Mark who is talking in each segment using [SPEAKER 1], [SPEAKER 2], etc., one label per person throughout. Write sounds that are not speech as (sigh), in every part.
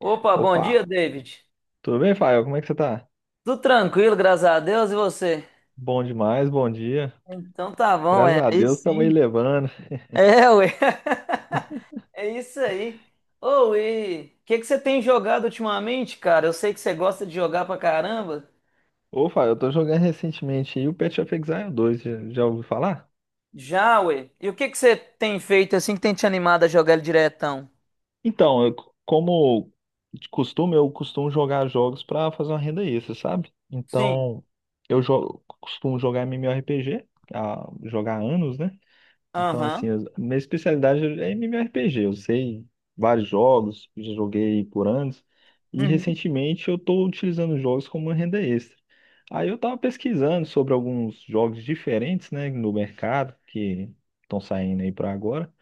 [SPEAKER 1] Opa, bom dia,
[SPEAKER 2] Opa,
[SPEAKER 1] David.
[SPEAKER 2] tudo bem, Fael? Como é que você tá?
[SPEAKER 1] Tudo tranquilo, graças a Deus, e você?
[SPEAKER 2] Bom demais, bom dia.
[SPEAKER 1] Então tá bom,
[SPEAKER 2] Graças
[SPEAKER 1] é.
[SPEAKER 2] a
[SPEAKER 1] Aí
[SPEAKER 2] Deus, estamos aí
[SPEAKER 1] sim.
[SPEAKER 2] levando.
[SPEAKER 1] É, ué. (laughs) É isso aí. Ô, e o que que você tem jogado ultimamente, cara? Eu sei que você gosta de jogar pra caramba.
[SPEAKER 2] Ô, Fael, eu tô jogando recentemente aí o Path of Exile 2, já ouviu falar?
[SPEAKER 1] Já, ué. E o que que você tem feito assim que tem te animado a jogar ele diretão?
[SPEAKER 2] Então, como de costume, eu costumo jogar jogos pra fazer uma renda extra, sabe?
[SPEAKER 1] Sim.
[SPEAKER 2] Então, costumo jogar MMORPG, jogar há anos, né? Então, assim,
[SPEAKER 1] Aham.
[SPEAKER 2] minha especialidade é MMORPG. Eu sei vários jogos, já joguei por anos, e
[SPEAKER 1] Uhum.
[SPEAKER 2] recentemente eu estou utilizando jogos como uma renda extra. Aí eu estava pesquisando sobre alguns jogos diferentes, né, no mercado, que estão saindo aí para agora,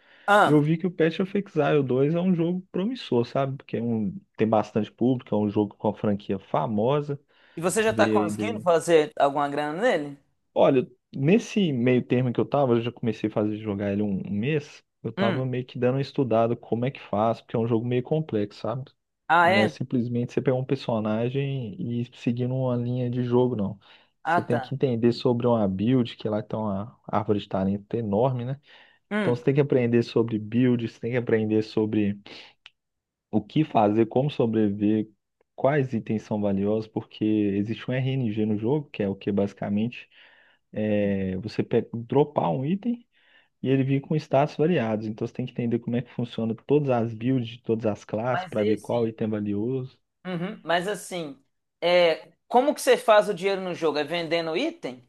[SPEAKER 2] e eu
[SPEAKER 1] Ah,
[SPEAKER 2] vi que o Path of Exile 2 é um jogo promissor, sabe? Porque tem bastante público, é um jogo com a franquia famosa.
[SPEAKER 1] e você já tá
[SPEAKER 2] Veio aí
[SPEAKER 1] conseguindo
[SPEAKER 2] de
[SPEAKER 1] fazer alguma grana nele?
[SPEAKER 2] Olha, nesse meio termo que eu tava, eu já comecei a fazer jogar ele um mês. Eu tava
[SPEAKER 1] Hum.
[SPEAKER 2] meio que dando uma estudada como é que faz, porque é um jogo meio complexo, sabe?
[SPEAKER 1] Ah,
[SPEAKER 2] Não é
[SPEAKER 1] é?
[SPEAKER 2] simplesmente você pegar um personagem e seguir uma linha de jogo, não. Você
[SPEAKER 1] Ah,
[SPEAKER 2] tem
[SPEAKER 1] tá.
[SPEAKER 2] que entender sobre uma build, que lá tem uma árvore de talento enorme, né? Então
[SPEAKER 1] Hum.
[SPEAKER 2] você tem que aprender sobre build, você tem que aprender sobre o que fazer, como sobreviver, quais itens são valiosos, porque existe um RNG no jogo, que é o que basicamente dropar um item e ele vir com status variados. Então você tem que entender como é que funciona todas as builds de todas as classes
[SPEAKER 1] Mas
[SPEAKER 2] para
[SPEAKER 1] aí
[SPEAKER 2] ver qual
[SPEAKER 1] assim.
[SPEAKER 2] item é valioso.
[SPEAKER 1] Uhum, mas assim, é, como que você faz o dinheiro no jogo? É vendendo item?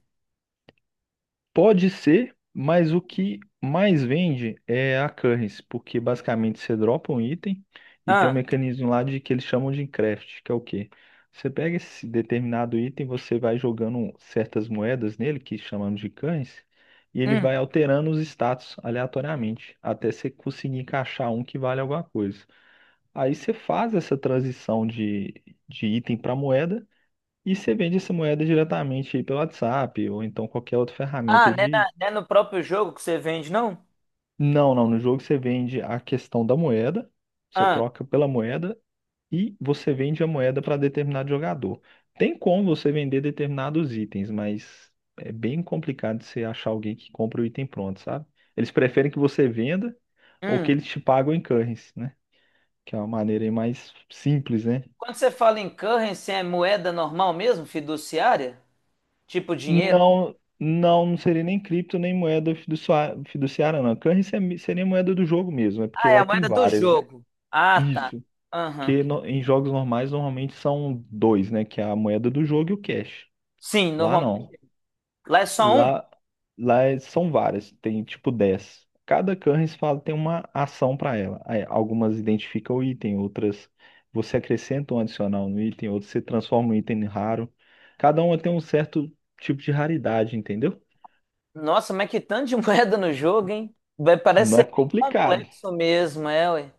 [SPEAKER 2] Pode ser, mas o que mais vende é a currency, porque basicamente você dropa um item e tem um
[SPEAKER 1] Ah,
[SPEAKER 2] mecanismo lá de que eles chamam de craft, que é o quê? Você pega esse determinado item, você vai jogando certas moedas nele, que chamamos de currency, e ele vai
[SPEAKER 1] hum.
[SPEAKER 2] alterando os status aleatoriamente, até você conseguir encaixar um que vale alguma coisa. Aí você faz essa transição de item para moeda. E você vende essa moeda diretamente aí pelo WhatsApp ou então qualquer outra ferramenta.
[SPEAKER 1] Ah, não é, não é no próprio jogo que você vende, não?
[SPEAKER 2] Não, não. No jogo você vende a questão da moeda, você
[SPEAKER 1] Ah,
[SPEAKER 2] troca pela moeda e você vende a moeda para determinado jogador. Tem como você vender determinados itens, mas é bem complicado você achar alguém que compra o item pronto, sabe? Eles preferem que você venda ou que
[SPEAKER 1] hum.
[SPEAKER 2] eles te pagam em currency, né? Que é uma maneira aí mais simples, né?
[SPEAKER 1] Quando você fala em currency, é moeda normal mesmo, fiduciária? Tipo dinheiro?
[SPEAKER 2] Não, não, não seria nem cripto, nem moeda fiduciária, não. Currency seria moeda do jogo mesmo, é porque
[SPEAKER 1] Ah, é
[SPEAKER 2] lá
[SPEAKER 1] a
[SPEAKER 2] tem
[SPEAKER 1] moeda do
[SPEAKER 2] várias, né?
[SPEAKER 1] jogo. Ah, tá.
[SPEAKER 2] Isso.
[SPEAKER 1] Aham.
[SPEAKER 2] Que em jogos normais normalmente são dois, né? Que é a moeda do jogo e o cash.
[SPEAKER 1] Sim,
[SPEAKER 2] Lá não.
[SPEAKER 1] normalmente. Lá é só uma.
[SPEAKER 2] Lá, lá são várias, tem tipo 10. Cada currency fala tem uma ação para ela. Aí, algumas identificam o item, outras você acrescenta um adicional no item, outras você transforma um item em raro. Cada uma tem um certo tipo de raridade, entendeu?
[SPEAKER 1] Nossa, mas que tanto de (laughs) moeda no jogo, hein? Parece
[SPEAKER 2] Não é
[SPEAKER 1] ser bem
[SPEAKER 2] complicado.
[SPEAKER 1] complexo mesmo, é, ué.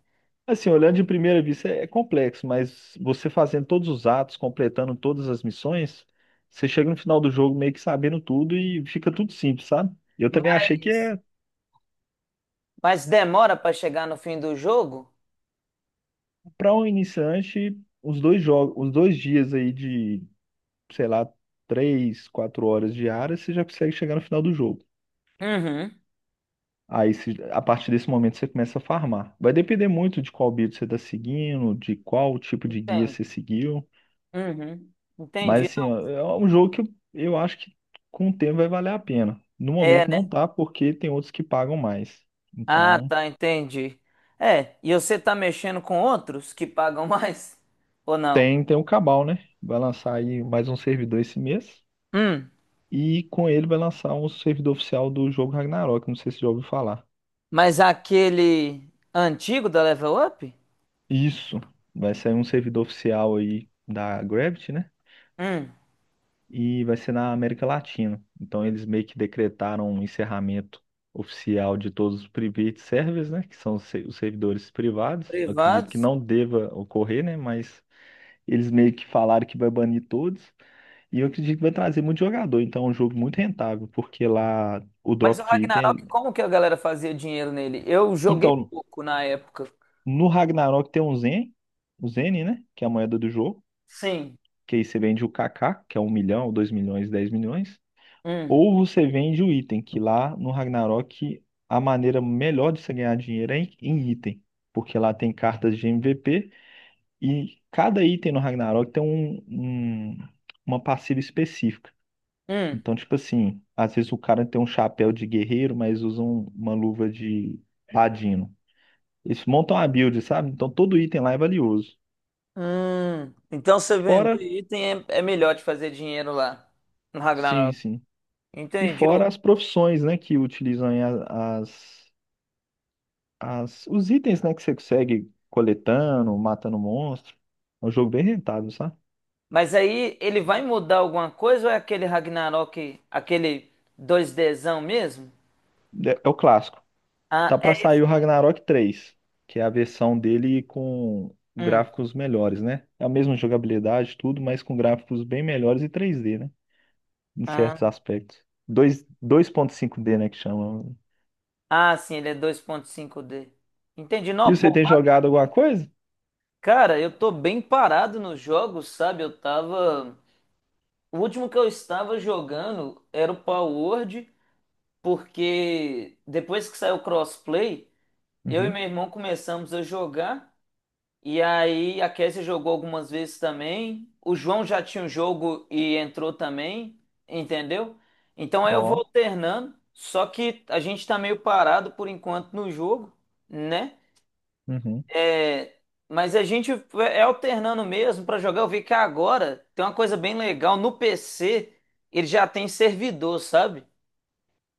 [SPEAKER 2] Assim, olhando de primeira vista é complexo, mas você fazendo todos os atos, completando todas as missões, você chega no final do jogo meio que sabendo tudo e fica tudo simples, sabe? Eu também achei que
[SPEAKER 1] Mas,
[SPEAKER 2] é,
[SPEAKER 1] mas demora para chegar no fim do jogo?
[SPEAKER 2] para um iniciante, os dois jogos, os 2 dias aí de, sei lá, 3, 4 horas diárias, você já consegue chegar no final do jogo.
[SPEAKER 1] Uhum.
[SPEAKER 2] Aí, a partir desse momento, você começa a farmar. Vai depender muito de qual build você está seguindo, de qual tipo de guia
[SPEAKER 1] Entendi.
[SPEAKER 2] você seguiu.
[SPEAKER 1] Uhum. Entendi.
[SPEAKER 2] Mas assim, ó, é um jogo que eu acho que com o tempo vai valer a pena. No
[SPEAKER 1] É,
[SPEAKER 2] momento não
[SPEAKER 1] né?
[SPEAKER 2] tá, porque tem outros que pagam mais.
[SPEAKER 1] Ah,
[SPEAKER 2] Então,
[SPEAKER 1] tá, entendi. É, e você tá mexendo com outros que pagam (laughs) mais? Ou não?
[SPEAKER 2] tem o Cabal, né? Vai lançar aí mais um servidor esse mês.
[SPEAKER 1] Hum.
[SPEAKER 2] E com ele vai lançar um servidor oficial do jogo Ragnarok. Não sei se você já ouviu falar.
[SPEAKER 1] Mas aquele antigo da Level Up?
[SPEAKER 2] Isso. Vai sair um servidor oficial aí da Gravity, né?
[SPEAKER 1] Hum.
[SPEAKER 2] E vai ser na América Latina. Então eles meio que decretaram um encerramento oficial de todos os private servers, né, que são os se- os servidores privados. Eu acredito que
[SPEAKER 1] Privados.
[SPEAKER 2] não deva ocorrer, né, mas eles meio que falaram que vai banir todos e eu acredito que vai trazer muito jogador. Então é um jogo muito rentável, porque lá o
[SPEAKER 1] Mas o
[SPEAKER 2] drop de item,
[SPEAKER 1] Ragnarok,
[SPEAKER 2] é,
[SPEAKER 1] como que a galera fazia dinheiro nele? Eu joguei
[SPEAKER 2] então
[SPEAKER 1] pouco na época.
[SPEAKER 2] no Ragnarok tem um Zen, o Zen, né, que é a moeda do jogo.
[SPEAKER 1] Sim.
[SPEAKER 2] Que aí você vende o KK, que é 1 milhão, 2 milhões, 10 milhões.
[SPEAKER 1] Hum.
[SPEAKER 2] Ou você vende o item, que lá no Ragnarok a maneira melhor de você ganhar dinheiro é em item, porque lá tem cartas de MVP e cada item no Ragnarok tem uma passiva específica.
[SPEAKER 1] Hum.
[SPEAKER 2] Então, tipo assim, às vezes o cara tem um chapéu de guerreiro, mas usa uma luva de ladino. Eles montam a build, sabe? Então todo item lá é valioso.
[SPEAKER 1] Hum. Então você vender
[SPEAKER 2] Fora,
[SPEAKER 1] item é melhor de fazer dinheiro lá no
[SPEAKER 2] sim,
[SPEAKER 1] Ragnarok.
[SPEAKER 2] sim. E
[SPEAKER 1] Entendi.
[SPEAKER 2] fora as profissões, né, que utilizam aí os itens, né, que você consegue coletando, matando monstro. É um jogo bem rentável, sabe?
[SPEAKER 1] Mas aí ele vai mudar alguma coisa ou é aquele Ragnarok, aquele dois dzão mesmo?
[SPEAKER 2] É, é o clássico.
[SPEAKER 1] Ah,
[SPEAKER 2] Tá
[SPEAKER 1] é.
[SPEAKER 2] pra sair o Ragnarok 3, que é a versão dele com
[SPEAKER 1] Hum.
[SPEAKER 2] gráficos melhores, né? É a mesma jogabilidade, tudo, mas com gráficos bem melhores e 3D, né? Em
[SPEAKER 1] Ah,
[SPEAKER 2] certos aspectos. 2.5D, né, que chama.
[SPEAKER 1] ah, sim, ele é dois ponto cinco d. Entendi. Não,
[SPEAKER 2] E você
[SPEAKER 1] pô,
[SPEAKER 2] tem jogado alguma coisa?
[SPEAKER 1] cara, eu tô bem parado nos jogos, sabe? Eu tava. O último que eu estava jogando era o Power Word, porque depois que saiu o crossplay, eu e
[SPEAKER 2] Uhum.
[SPEAKER 1] meu irmão começamos a jogar. E aí a Kézia jogou algumas vezes também. O João já tinha um jogo e entrou também, entendeu? Então aí eu vou
[SPEAKER 2] Ó.
[SPEAKER 1] alternando, só que a gente tá meio parado por enquanto no jogo, né?
[SPEAKER 2] Uhum.
[SPEAKER 1] É, mas a gente é alternando mesmo pra jogar. Eu vi que agora tem uma coisa bem legal no PC, ele já tem servidor, sabe?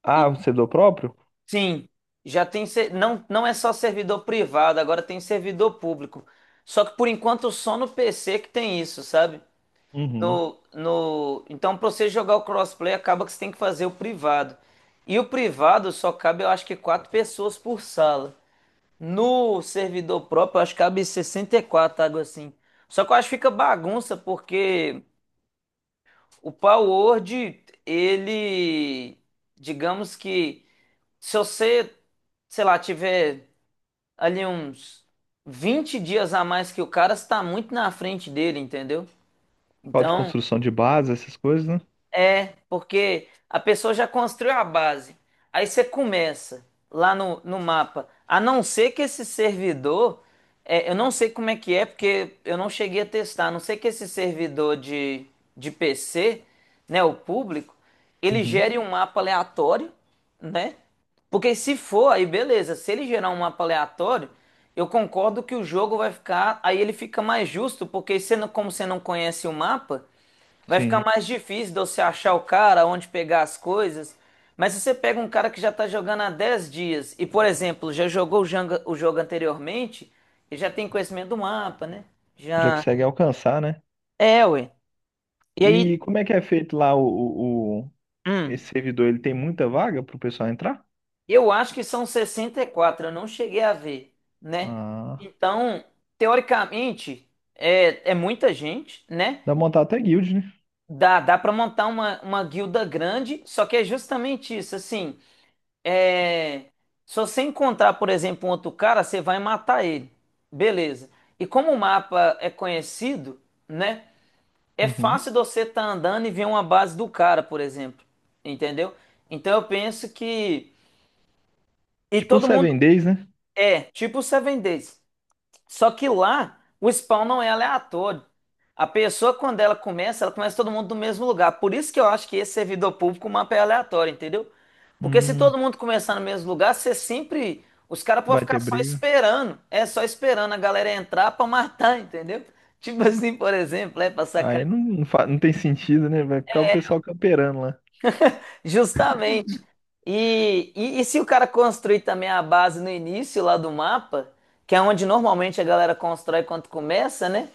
[SPEAKER 2] Ah, você é do próprio?
[SPEAKER 1] Sim, já tem não, não é só servidor privado, agora tem servidor público. Só que por enquanto só no PC que tem isso, sabe?
[SPEAKER 2] Uhum.
[SPEAKER 1] No, no, então para você jogar o crossplay acaba que você tem que fazer o privado. E o privado só cabe, eu acho que 4 pessoas por sala. No servidor próprio, eu acho que cabe 64 algo assim. Só que eu acho que fica bagunça porque o Power Word, ele digamos que se você sei lá, tiver ali uns 20 dias a mais que o cara, você tá muito na frente dele, entendeu?
[SPEAKER 2] Código de
[SPEAKER 1] Então,
[SPEAKER 2] construção de base, essas coisas, né?
[SPEAKER 1] é, porque a pessoa já construiu a base. Aí você começa lá no mapa. A não ser que esse servidor, é, eu não sei como é que é, porque eu não cheguei a testar. A não ser que esse servidor de PC, né, o público, ele
[SPEAKER 2] Uhum.
[SPEAKER 1] gere um mapa aleatório, né? Porque se for, aí beleza. Se ele gerar um mapa aleatório, eu concordo que o jogo vai ficar. Aí ele fica mais justo, porque você como você não conhece o mapa. Vai ficar
[SPEAKER 2] Sim.
[SPEAKER 1] mais difícil de você achar o cara, onde pegar as coisas. Mas se você pega um cara que já está jogando há 10 dias e, por exemplo, já jogou o o jogo anteriormente, ele já tem conhecimento do mapa, né?
[SPEAKER 2] Já
[SPEAKER 1] Já.
[SPEAKER 2] consegue alcançar, né?
[SPEAKER 1] É, ué. E aí,
[SPEAKER 2] E como é que é feito lá
[SPEAKER 1] hum,
[SPEAKER 2] esse servidor? Ele tem muita vaga pro pessoal entrar?
[SPEAKER 1] eu acho que são 64, eu não cheguei a ver, né?
[SPEAKER 2] Ah,
[SPEAKER 1] Então, teoricamente, é, é muita gente, né?
[SPEAKER 2] dá pra montar até guild, né?
[SPEAKER 1] Dá, dá para montar uma guilda grande, só que é justamente isso, assim. É, se você encontrar, por exemplo, um outro cara, você vai matar ele. Beleza. E como o mapa é conhecido, né? É
[SPEAKER 2] Uhum.
[SPEAKER 1] fácil de você estar andando e ver uma base do cara, por exemplo. Entendeu? Então eu penso que. E
[SPEAKER 2] Tipo um
[SPEAKER 1] todo mundo.
[SPEAKER 2] Seven Days, né?
[SPEAKER 1] É, tipo o Seven Days. Só que lá o spawn não é aleatório. A pessoa, quando ela começa todo mundo do mesmo lugar. Por isso que eu acho que esse servidor público, o mapa é aleatório, entendeu? Porque se
[SPEAKER 2] Hum,
[SPEAKER 1] todo mundo começar no mesmo lugar, você sempre. Os caras podem
[SPEAKER 2] vai ter
[SPEAKER 1] ficar só
[SPEAKER 2] briga.
[SPEAKER 1] esperando. É só esperando a galera entrar pra matar, (laughs) entendeu? Tipo assim, por exemplo, é pra sacar.
[SPEAKER 2] Aí não, não tem sentido, né? Vai ficar o pessoal camperando lá.
[SPEAKER 1] Justamente. E se o cara construir também a base no início lá do mapa, que é onde normalmente a galera constrói quando começa, né?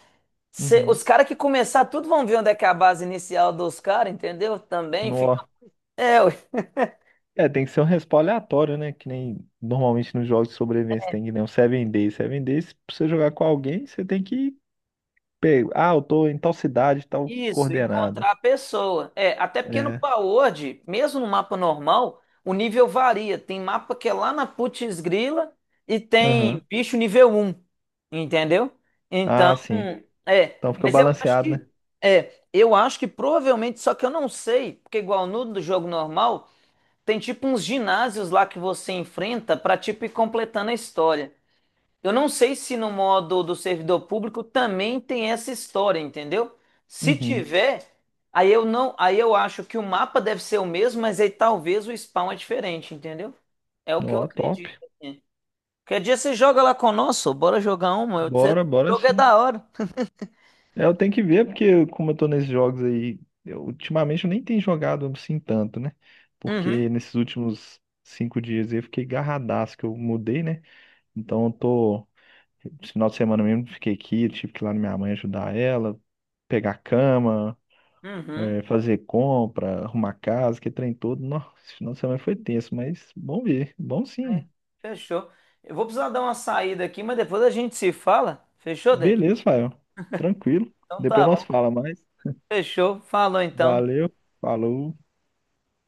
[SPEAKER 2] Uhum.
[SPEAKER 1] Os caras que começar tudo vão ver onde é que é a base inicial dos caras, entendeu? Também fica.
[SPEAKER 2] Nó.
[SPEAKER 1] É, ué.
[SPEAKER 2] É, tem que ser um respawn aleatório, né? Que nem normalmente nos jogos de sobrevivência, tem que nem um Seven Days. Seven Days, pra você jogar com alguém, você tem que pegar. Ah, eu tô em tal cidade, tal
[SPEAKER 1] Isso,
[SPEAKER 2] coordenada.
[SPEAKER 1] encontrar a pessoa. É, até porque no
[SPEAKER 2] É.
[SPEAKER 1] Power, mesmo no mapa normal, o nível varia. Tem mapa que é lá na putz grila e
[SPEAKER 2] Aham.
[SPEAKER 1] tem bicho nível um, entendeu? Então,
[SPEAKER 2] Ah, sim.
[SPEAKER 1] é.
[SPEAKER 2] Então fica
[SPEAKER 1] Mas eu acho
[SPEAKER 2] balanceado,
[SPEAKER 1] que.
[SPEAKER 2] né?
[SPEAKER 1] É, eu acho que provavelmente, só que eu não sei, porque igual no do jogo normal, tem tipo uns ginásios lá que você enfrenta pra tipo ir completando a história. Eu não sei se no modo do servidor público também tem essa história, entendeu? Se
[SPEAKER 2] Uhum.
[SPEAKER 1] tiver, aí eu não, aí eu acho que o mapa deve ser o mesmo, mas aí talvez o spawn é diferente, entendeu? É o que
[SPEAKER 2] Ó,
[SPEAKER 1] eu
[SPEAKER 2] top.
[SPEAKER 1] acredito. Assim. Qualquer dia você joga lá conosco, bora jogar uma. Eu, você,
[SPEAKER 2] Bora,
[SPEAKER 1] o
[SPEAKER 2] bora
[SPEAKER 1] jogo é
[SPEAKER 2] sim.
[SPEAKER 1] da hora.
[SPEAKER 2] É, eu tenho que ver, porque como eu tô nesses jogos aí, ultimamente eu nem tenho jogado assim tanto, né?
[SPEAKER 1] Uhum,
[SPEAKER 2] Porque nesses últimos 5 dias aí eu fiquei garradaço que eu mudei, né? Então eu tô. Esse final de semana mesmo eu fiquei aqui, eu tive que ir lá na minha mãe ajudar ela, pegar a cama,
[SPEAKER 1] uhum.
[SPEAKER 2] é, fazer compra, arrumar casa, que trem todo. Nossa, esse final de semana foi tenso, mas bom ver, bom
[SPEAKER 1] É,
[SPEAKER 2] sim.
[SPEAKER 1] fechou. Eu vou precisar dar uma saída aqui, mas depois a gente se fala. Fechou, David?
[SPEAKER 2] Beleza, Fael. Tranquilo.
[SPEAKER 1] Então
[SPEAKER 2] Depois
[SPEAKER 1] tá bom.
[SPEAKER 2] nós fala mais.
[SPEAKER 1] Fechou. Falou então.
[SPEAKER 2] Valeu, falou.